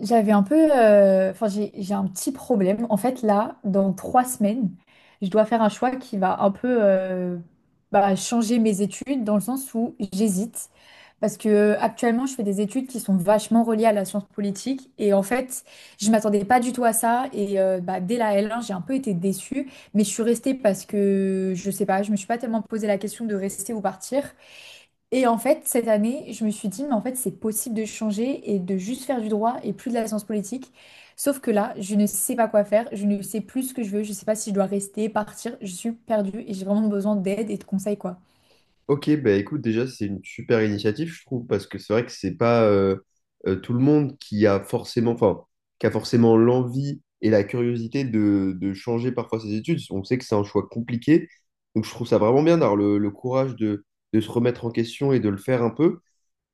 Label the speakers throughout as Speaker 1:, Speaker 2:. Speaker 1: J'avais un peu, enfin j'ai un petit problème. En fait là, dans 3 semaines, je dois faire un choix qui va un peu bah, changer mes études dans le sens où j'hésite parce que actuellement je fais des études qui sont vachement reliées à la science politique et en fait je m'attendais pas du tout à ça et bah, dès la L1 j'ai un peu été déçue mais je suis restée parce que je sais pas, je me suis pas tellement posé la question de rester ou partir. Et en fait, cette année, je me suis dit, mais en fait, c'est possible de changer et de juste faire du droit et plus de la science politique. Sauf que là, je ne sais pas quoi faire, je ne sais plus ce que je veux, je ne sais pas si je dois rester, partir, je suis perdue et j'ai vraiment besoin d'aide et de conseils, quoi.
Speaker 2: Ok, bah écoute, déjà, c'est une super initiative, je trouve, parce que c'est vrai que c'est pas tout le monde qui a forcément, enfin, qui a forcément l'envie et la curiosité de changer parfois ses études. On sait que c'est un choix compliqué, donc je trouve ça vraiment bien d'avoir le courage de se remettre en question et de le faire un peu.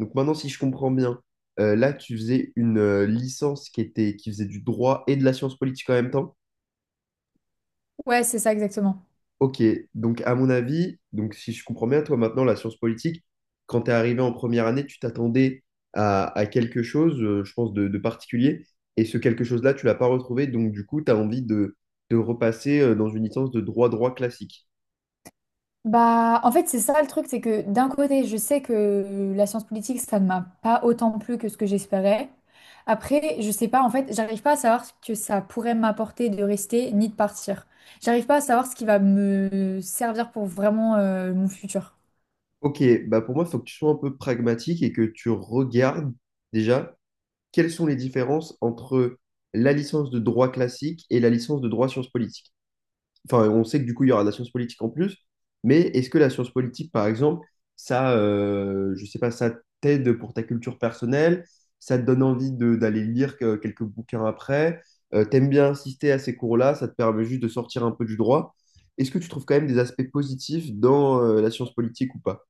Speaker 2: Donc maintenant, si je comprends bien, là, tu faisais une licence qui était, qui faisait du droit et de la science politique en même temps.
Speaker 1: Ouais, c'est ça exactement.
Speaker 2: Ok, donc à mon avis, donc si je comprends bien, toi maintenant, la science politique, quand tu es arrivé en première année, tu t'attendais à quelque chose, je pense, de particulier, et ce quelque chose-là, tu l'as pas retrouvé, donc du coup, tu as envie de repasser dans une licence de droit-droit classique.
Speaker 1: Bah, en fait, c'est ça le truc, c'est que d'un côté, je sais que la science politique, ça ne m'a pas autant plu que ce que j'espérais. Après, je sais pas, en fait, j'arrive pas à savoir ce que ça pourrait m'apporter de rester ni de partir. J'arrive pas à savoir ce qui va me servir pour vraiment mon futur.
Speaker 2: Ok, bah pour moi, il faut que tu sois un peu pragmatique et que tu regardes déjà quelles sont les différences entre la licence de droit classique et la licence de droit sciences politiques. Enfin, on sait que du coup, il y aura de la science politique en plus, mais est-ce que la science politique, par exemple, ça, je sais pas, ça t'aide pour ta culture personnelle, ça te donne d'aller lire quelques bouquins après, t'aimes bien assister à ces cours-là, ça te permet juste de sortir un peu du droit. Est-ce que tu trouves quand même des aspects positifs dans la science politique ou pas?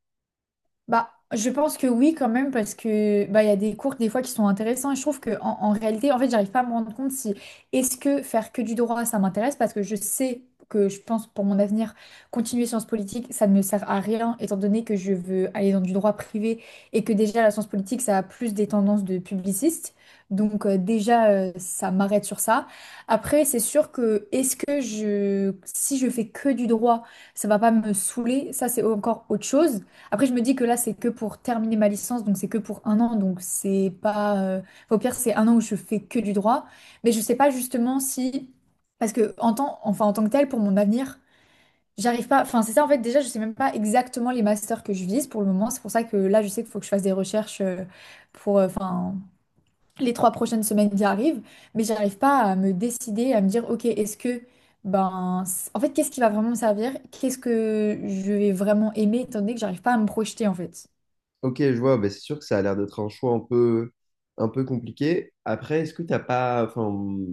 Speaker 1: Bah, je pense que oui, quand même, parce que bah, il y a des cours des fois qui sont intéressants et je trouve que en réalité, en fait, j'arrive pas à me rendre compte si est-ce que faire que du droit, ça m'intéresse parce que je sais que je pense pour mon avenir, continuer sciences politiques, ça ne me sert à rien étant donné que je veux aller dans du droit privé et que déjà la science politique, ça a plus des tendances de publiciste. Donc déjà, ça m'arrête sur ça. Après, c'est sûr que est-ce que si je fais que du droit, ça va pas me saouler, ça c'est encore autre chose. Après, je me dis que là, c'est que pour terminer ma licence, donc c'est que pour un an, donc c'est pas. Enfin, au pire, c'est un an où je fais que du droit, mais je sais pas justement si, parce que enfin en tant que tel, pour mon avenir, j'arrive pas. Enfin, c'est ça en fait. Déjà, je sais même pas exactement les masters que je vise pour le moment. C'est pour ça que là, je sais qu'il faut que je fasse des recherches enfin, les 3 prochaines semaines qui arrivent, mais j'arrive pas à me décider, à me dire, ok, est-ce que ben, en fait, qu'est-ce qui va vraiment me servir? Qu'est-ce que je vais vraiment aimer, étant donné que j'arrive pas à me projeter, en fait.
Speaker 2: Ok, je vois, bah, c'est sûr que ça a l'air d'être un choix un peu compliqué. Après, est-ce que t'as pas, enfin,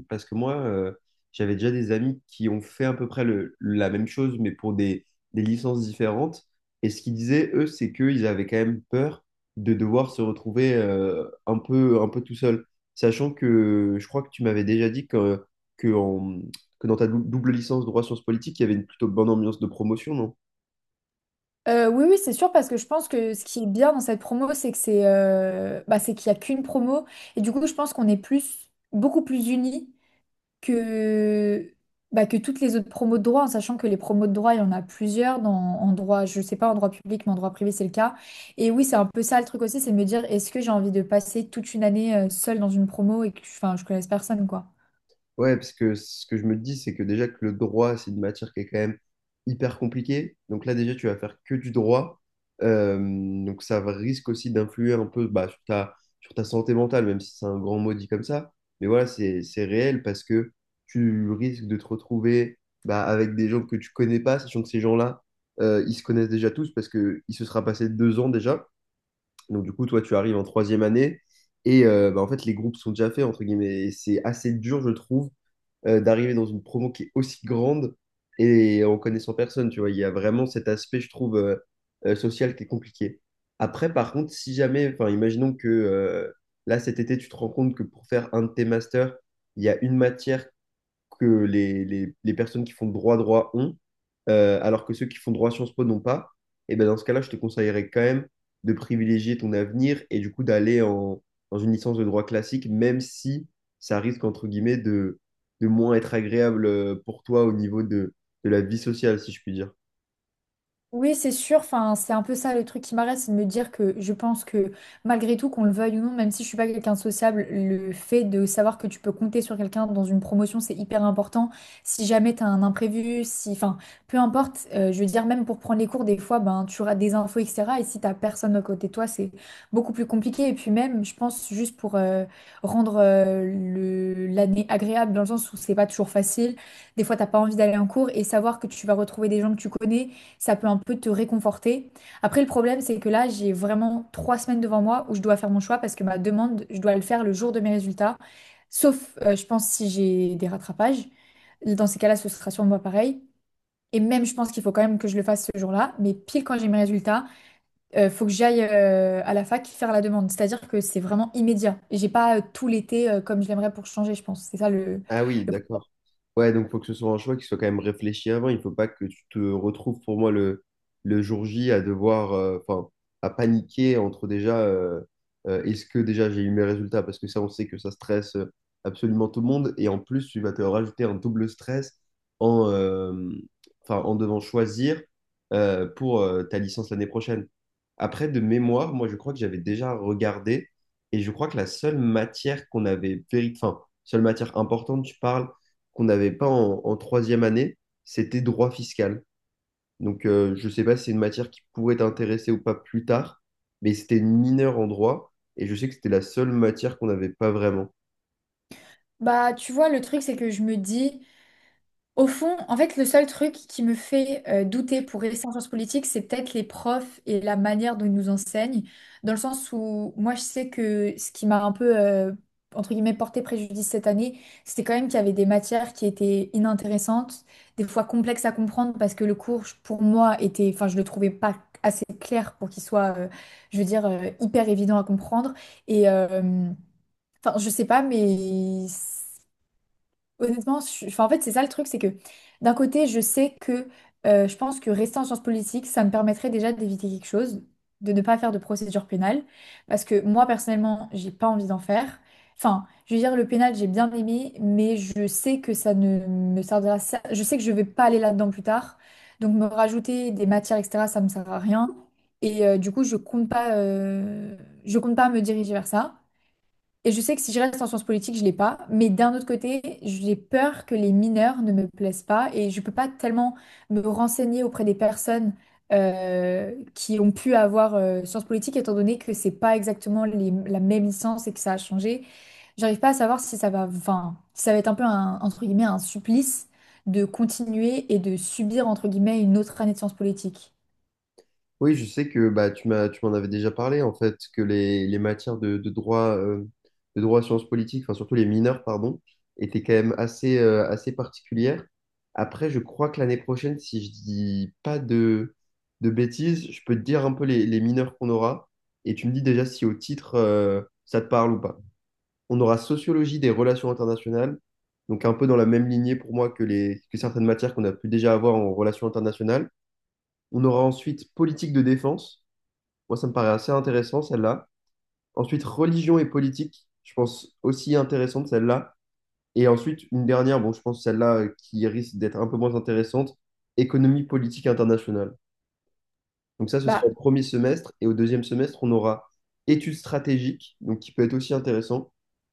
Speaker 2: parce que moi, j'avais déjà des amis qui ont fait à peu près la même chose, mais pour des licences différentes. Et ce qu'ils disaient, eux, c'est qu'ils avaient quand même peur de devoir se retrouver un peu tout seul. Sachant que je crois que tu m'avais déjà dit que, que, en- que dans ta double licence droit sciences politiques, il y avait une plutôt bonne ambiance de promotion, non?
Speaker 1: Oui, oui, c'est sûr, parce que je pense que ce qui est bien dans cette promo, c'est que c'est bah, c'est qu'il n'y a qu'une promo. Et du coup, je pense qu'on est plus, beaucoup plus unis que, bah, que toutes les autres promos de droit, en sachant que les promos de droit, il y en a plusieurs en droit, je sais pas, en droit public, mais en droit privé, c'est le cas. Et oui, c'est un peu ça le truc aussi, c'est de me dire, est-ce que j'ai envie de passer toute une année seule dans une promo et que enfin, je connaisse personne, quoi.
Speaker 2: Ouais, parce que ce que je me dis, c'est que déjà que le droit, c'est une matière qui est quand même hyper compliquée. Donc là, déjà, tu vas faire que du droit. Euh, donc ça risque aussi d'influer un peu bah, sur ta santé mentale, même si c'est un grand mot dit comme ça. Mais voilà, c'est réel parce que tu risques de te retrouver bah, avec des gens que tu connais pas, sachant que ces gens-là, ils se connaissent déjà tous parce que il se sera passé 2 ans déjà. Donc du coup, toi, tu arrives en troisième année. Et bah, en fait, les groupes sont déjà faits, entre guillemets. Et c'est assez dur, je trouve d'arriver dans une promo qui est aussi grande et en connaissant personne, tu vois. Il y a vraiment cet aspect, je trouve, social qui est compliqué. Après, par contre, si jamais, enfin, imaginons que là, cet été, tu te rends compte que pour faire un de tes masters, il y a une matière que les personnes qui font droit droit ont, alors que ceux qui font droit Sciences Po n'ont pas, et ben dans ce cas-là, je te conseillerais quand même de privilégier ton avenir et du coup d'aller en, dans une licence de droit classique, même si ça risque, entre guillemets, de moins être agréable pour toi au niveau de la vie sociale, si je puis dire.
Speaker 1: Oui, c'est sûr. Enfin, c'est un peu ça le truc qui m'arrête, c'est de me dire que je pense que malgré tout, qu'on le veuille ou non, même si je suis pas quelqu'un de sociable, le fait de savoir que tu peux compter sur quelqu'un dans une promotion, c'est hyper important. Si jamais tu as un imprévu, si, enfin, peu importe. Je veux dire, même pour prendre les cours, des fois, ben, tu auras des infos, etc. Et si t'as personne à côté de toi, c'est beaucoup plus compliqué. Et puis même, je pense juste pour rendre l'année agréable, dans le sens où c'est pas toujours facile. Des fois, t'as pas envie d'aller en cours et savoir que tu vas retrouver des gens que tu connais, ça peut un peu te réconforter. Après, le problème, c'est que là, j'ai vraiment 3 semaines devant moi où je dois faire mon choix parce que ma demande, je dois le faire le jour de mes résultats, sauf, je pense, si j'ai des rattrapages. Dans ces cas-là, ce sera sûrement pareil. Et même, je pense qu'il faut quand même que je le fasse ce jour-là. Mais pile quand j'ai mes résultats, il faut que j'aille à la fac faire la demande. C'est-à-dire que c'est vraiment immédiat. J'ai pas tout l'été comme je l'aimerais pour changer, je pense. C'est ça le,
Speaker 2: Ah oui,
Speaker 1: le... pro-
Speaker 2: d'accord. Ouais, donc faut que ce soit un choix qui soit quand même réfléchi avant. Il faut pas que tu te retrouves pour moi le jour J à devoir, enfin, à paniquer entre déjà, est-ce que déjà j'ai eu mes résultats? Parce que ça, on sait que ça stresse absolument tout le monde. Et en plus, tu vas te rajouter un double stress en, euh, enfin, en devant choisir pour ta licence l'année prochaine. Après, de mémoire, moi, je crois que j'avais déjà regardé et je crois que la seule matière qu'on avait vérifiée, seule matière importante, tu parles, qu'on n'avait pas en, en troisième année, c'était droit fiscal. Donc, je ne sais pas si c'est une matière qui pourrait t'intéresser ou pas plus tard, mais c'était une mineure en droit, et je sais que c'était la seule matière qu'on n'avait pas vraiment.
Speaker 1: Bah, tu vois, le truc, c'est que je me dis. Au fond, en fait, le seul truc qui me fait douter pour rester en sciences politiques, c'est peut-être les profs et la manière dont ils nous enseignent, dans le sens où moi, je sais que ce qui m'a un peu, entre guillemets, porté préjudice cette année, c'était quand même qu'il y avait des matières qui étaient inintéressantes, des fois complexes à comprendre, parce que le cours, pour moi, était, enfin, je le trouvais pas assez clair pour qu'il soit, je veux dire, hyper évident à comprendre. Et, enfin, je sais pas, mais... Honnêtement, je enfin, en fait, c'est ça le truc, c'est que d'un côté, je sais que je pense que rester en sciences politiques, ça me permettrait déjà d'éviter quelque chose, de ne pas faire de procédure pénale, parce que moi, personnellement, j'ai pas envie d'en faire. Enfin, je veux dire, le pénal, j'ai bien aimé, mais je sais que ça ne me servira, ça- je sais que je vais pas aller là-dedans plus tard, donc me rajouter des matières, etc., ça me sert à rien, et du coup, je compte pas me diriger vers ça. Et je sais que si je reste en sciences politiques, je l'ai pas. Mais d'un autre côté, j'ai peur que les mineurs ne me plaisent pas et je peux pas tellement me renseigner auprès des personnes qui ont pu avoir sciences politiques, étant donné que c'est pas exactement la même licence et que ça a changé. J'arrive pas à savoir si ça va, enfin, si ça va être un peu un, entre guillemets, un supplice de continuer et de subir, entre guillemets, une autre année de sciences politiques.
Speaker 2: Oui, je sais que bah, tu m'as, tu m'en avais déjà parlé, en fait, que les matières de droit, de droit sciences politiques, enfin surtout les mineurs, pardon, étaient quand même assez, assez particulières. Après, je crois que l'année prochaine, si je dis pas de, de bêtises, je peux te dire un peu les mineurs qu'on aura, et tu me dis déjà si au titre, ça te parle ou pas. On aura sociologie des relations internationales, donc un peu dans la même lignée pour moi que les, que certaines matières qu'on a pu déjà avoir en relations internationales. On aura ensuite politique de défense. Moi, ça me paraît assez intéressant, celle-là. Ensuite, religion et politique, je pense aussi intéressante, celle-là. Et ensuite, une dernière, bon, je pense celle-là qui risque d'être un peu moins intéressante, économie politique internationale. Donc ça, ce sera
Speaker 1: Bah,
Speaker 2: au premier semestre. Et au deuxième semestre, on aura études stratégiques, donc qui peut être aussi intéressant.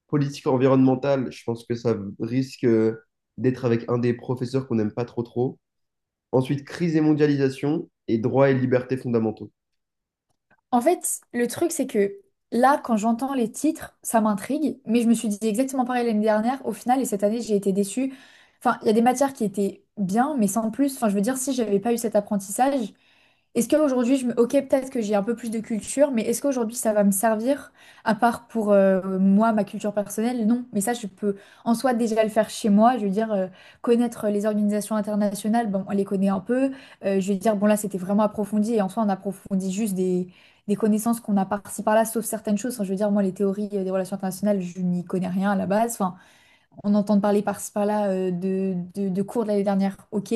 Speaker 2: Politique environnementale, je pense que ça risque d'être avec un des professeurs qu'on n'aime pas trop trop. Ensuite, crise et mondialisation et droits et libertés fondamentaux.
Speaker 1: en fait, le truc, c'est que là, quand j'entends les titres, ça m'intrigue, mais je me suis dit exactement pareil l'année dernière. Au final, et cette année, j'ai été déçue. Enfin, il y a des matières qui étaient bien, mais sans plus. Enfin, je veux dire, si j'avais pas eu cet apprentissage, est-ce qu'aujourd'hui, je me... Ok, peut-être que j'ai un peu plus de culture, mais est-ce qu'aujourd'hui, ça va me servir, à part pour moi, ma culture personnelle? Non, mais ça, je peux en soi déjà le faire chez moi. Je veux dire, connaître les organisations internationales, bon, on les connaît un peu. Je veux dire, bon, là, c'était vraiment approfondi, et en soi, on approfondit juste des connaissances qu'on a par-ci par-là, sauf certaines choses. Enfin, je veux dire, moi, les théories des relations internationales, je n'y connais rien à la base. Enfin, on entend parler par-ci par-là de cours de l'année dernière, ok,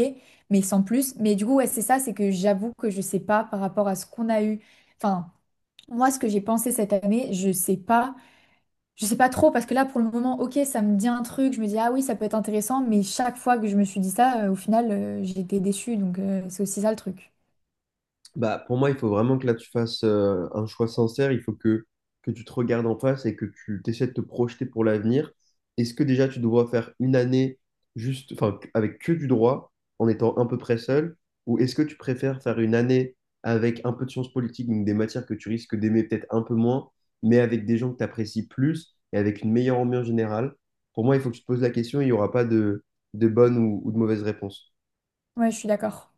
Speaker 1: mais sans plus. Mais du coup, ouais, c'est ça, c'est que j'avoue que je sais pas par rapport à ce qu'on a eu. Enfin, moi, ce que j'ai pensé cette année, je sais pas. Je sais pas trop, parce que là, pour le moment, ok, ça me dit un truc, je me dis, ah oui, ça peut être intéressant, mais chaque fois que je me suis dit ça, au final, j'ai été déçue, donc c'est aussi ça le truc.
Speaker 2: Bah, pour moi, il faut vraiment que là tu fasses un choix sincère. Il faut que tu te regardes en face et que tu essaies de te projeter pour l'avenir. Est-ce que déjà tu dois faire une année juste, enfin, avec que du droit, en étant à peu près seul, ou est-ce que tu préfères faire une année avec un peu de sciences politiques, donc des matières que tu risques d'aimer peut-être un peu moins, mais avec des gens que tu apprécies plus et avec une meilleure ambiance générale? Pour moi, il faut que tu te poses la question. Il n'y aura pas de, de bonne ou de mauvaise réponse.
Speaker 1: Ouais, je suis d'accord.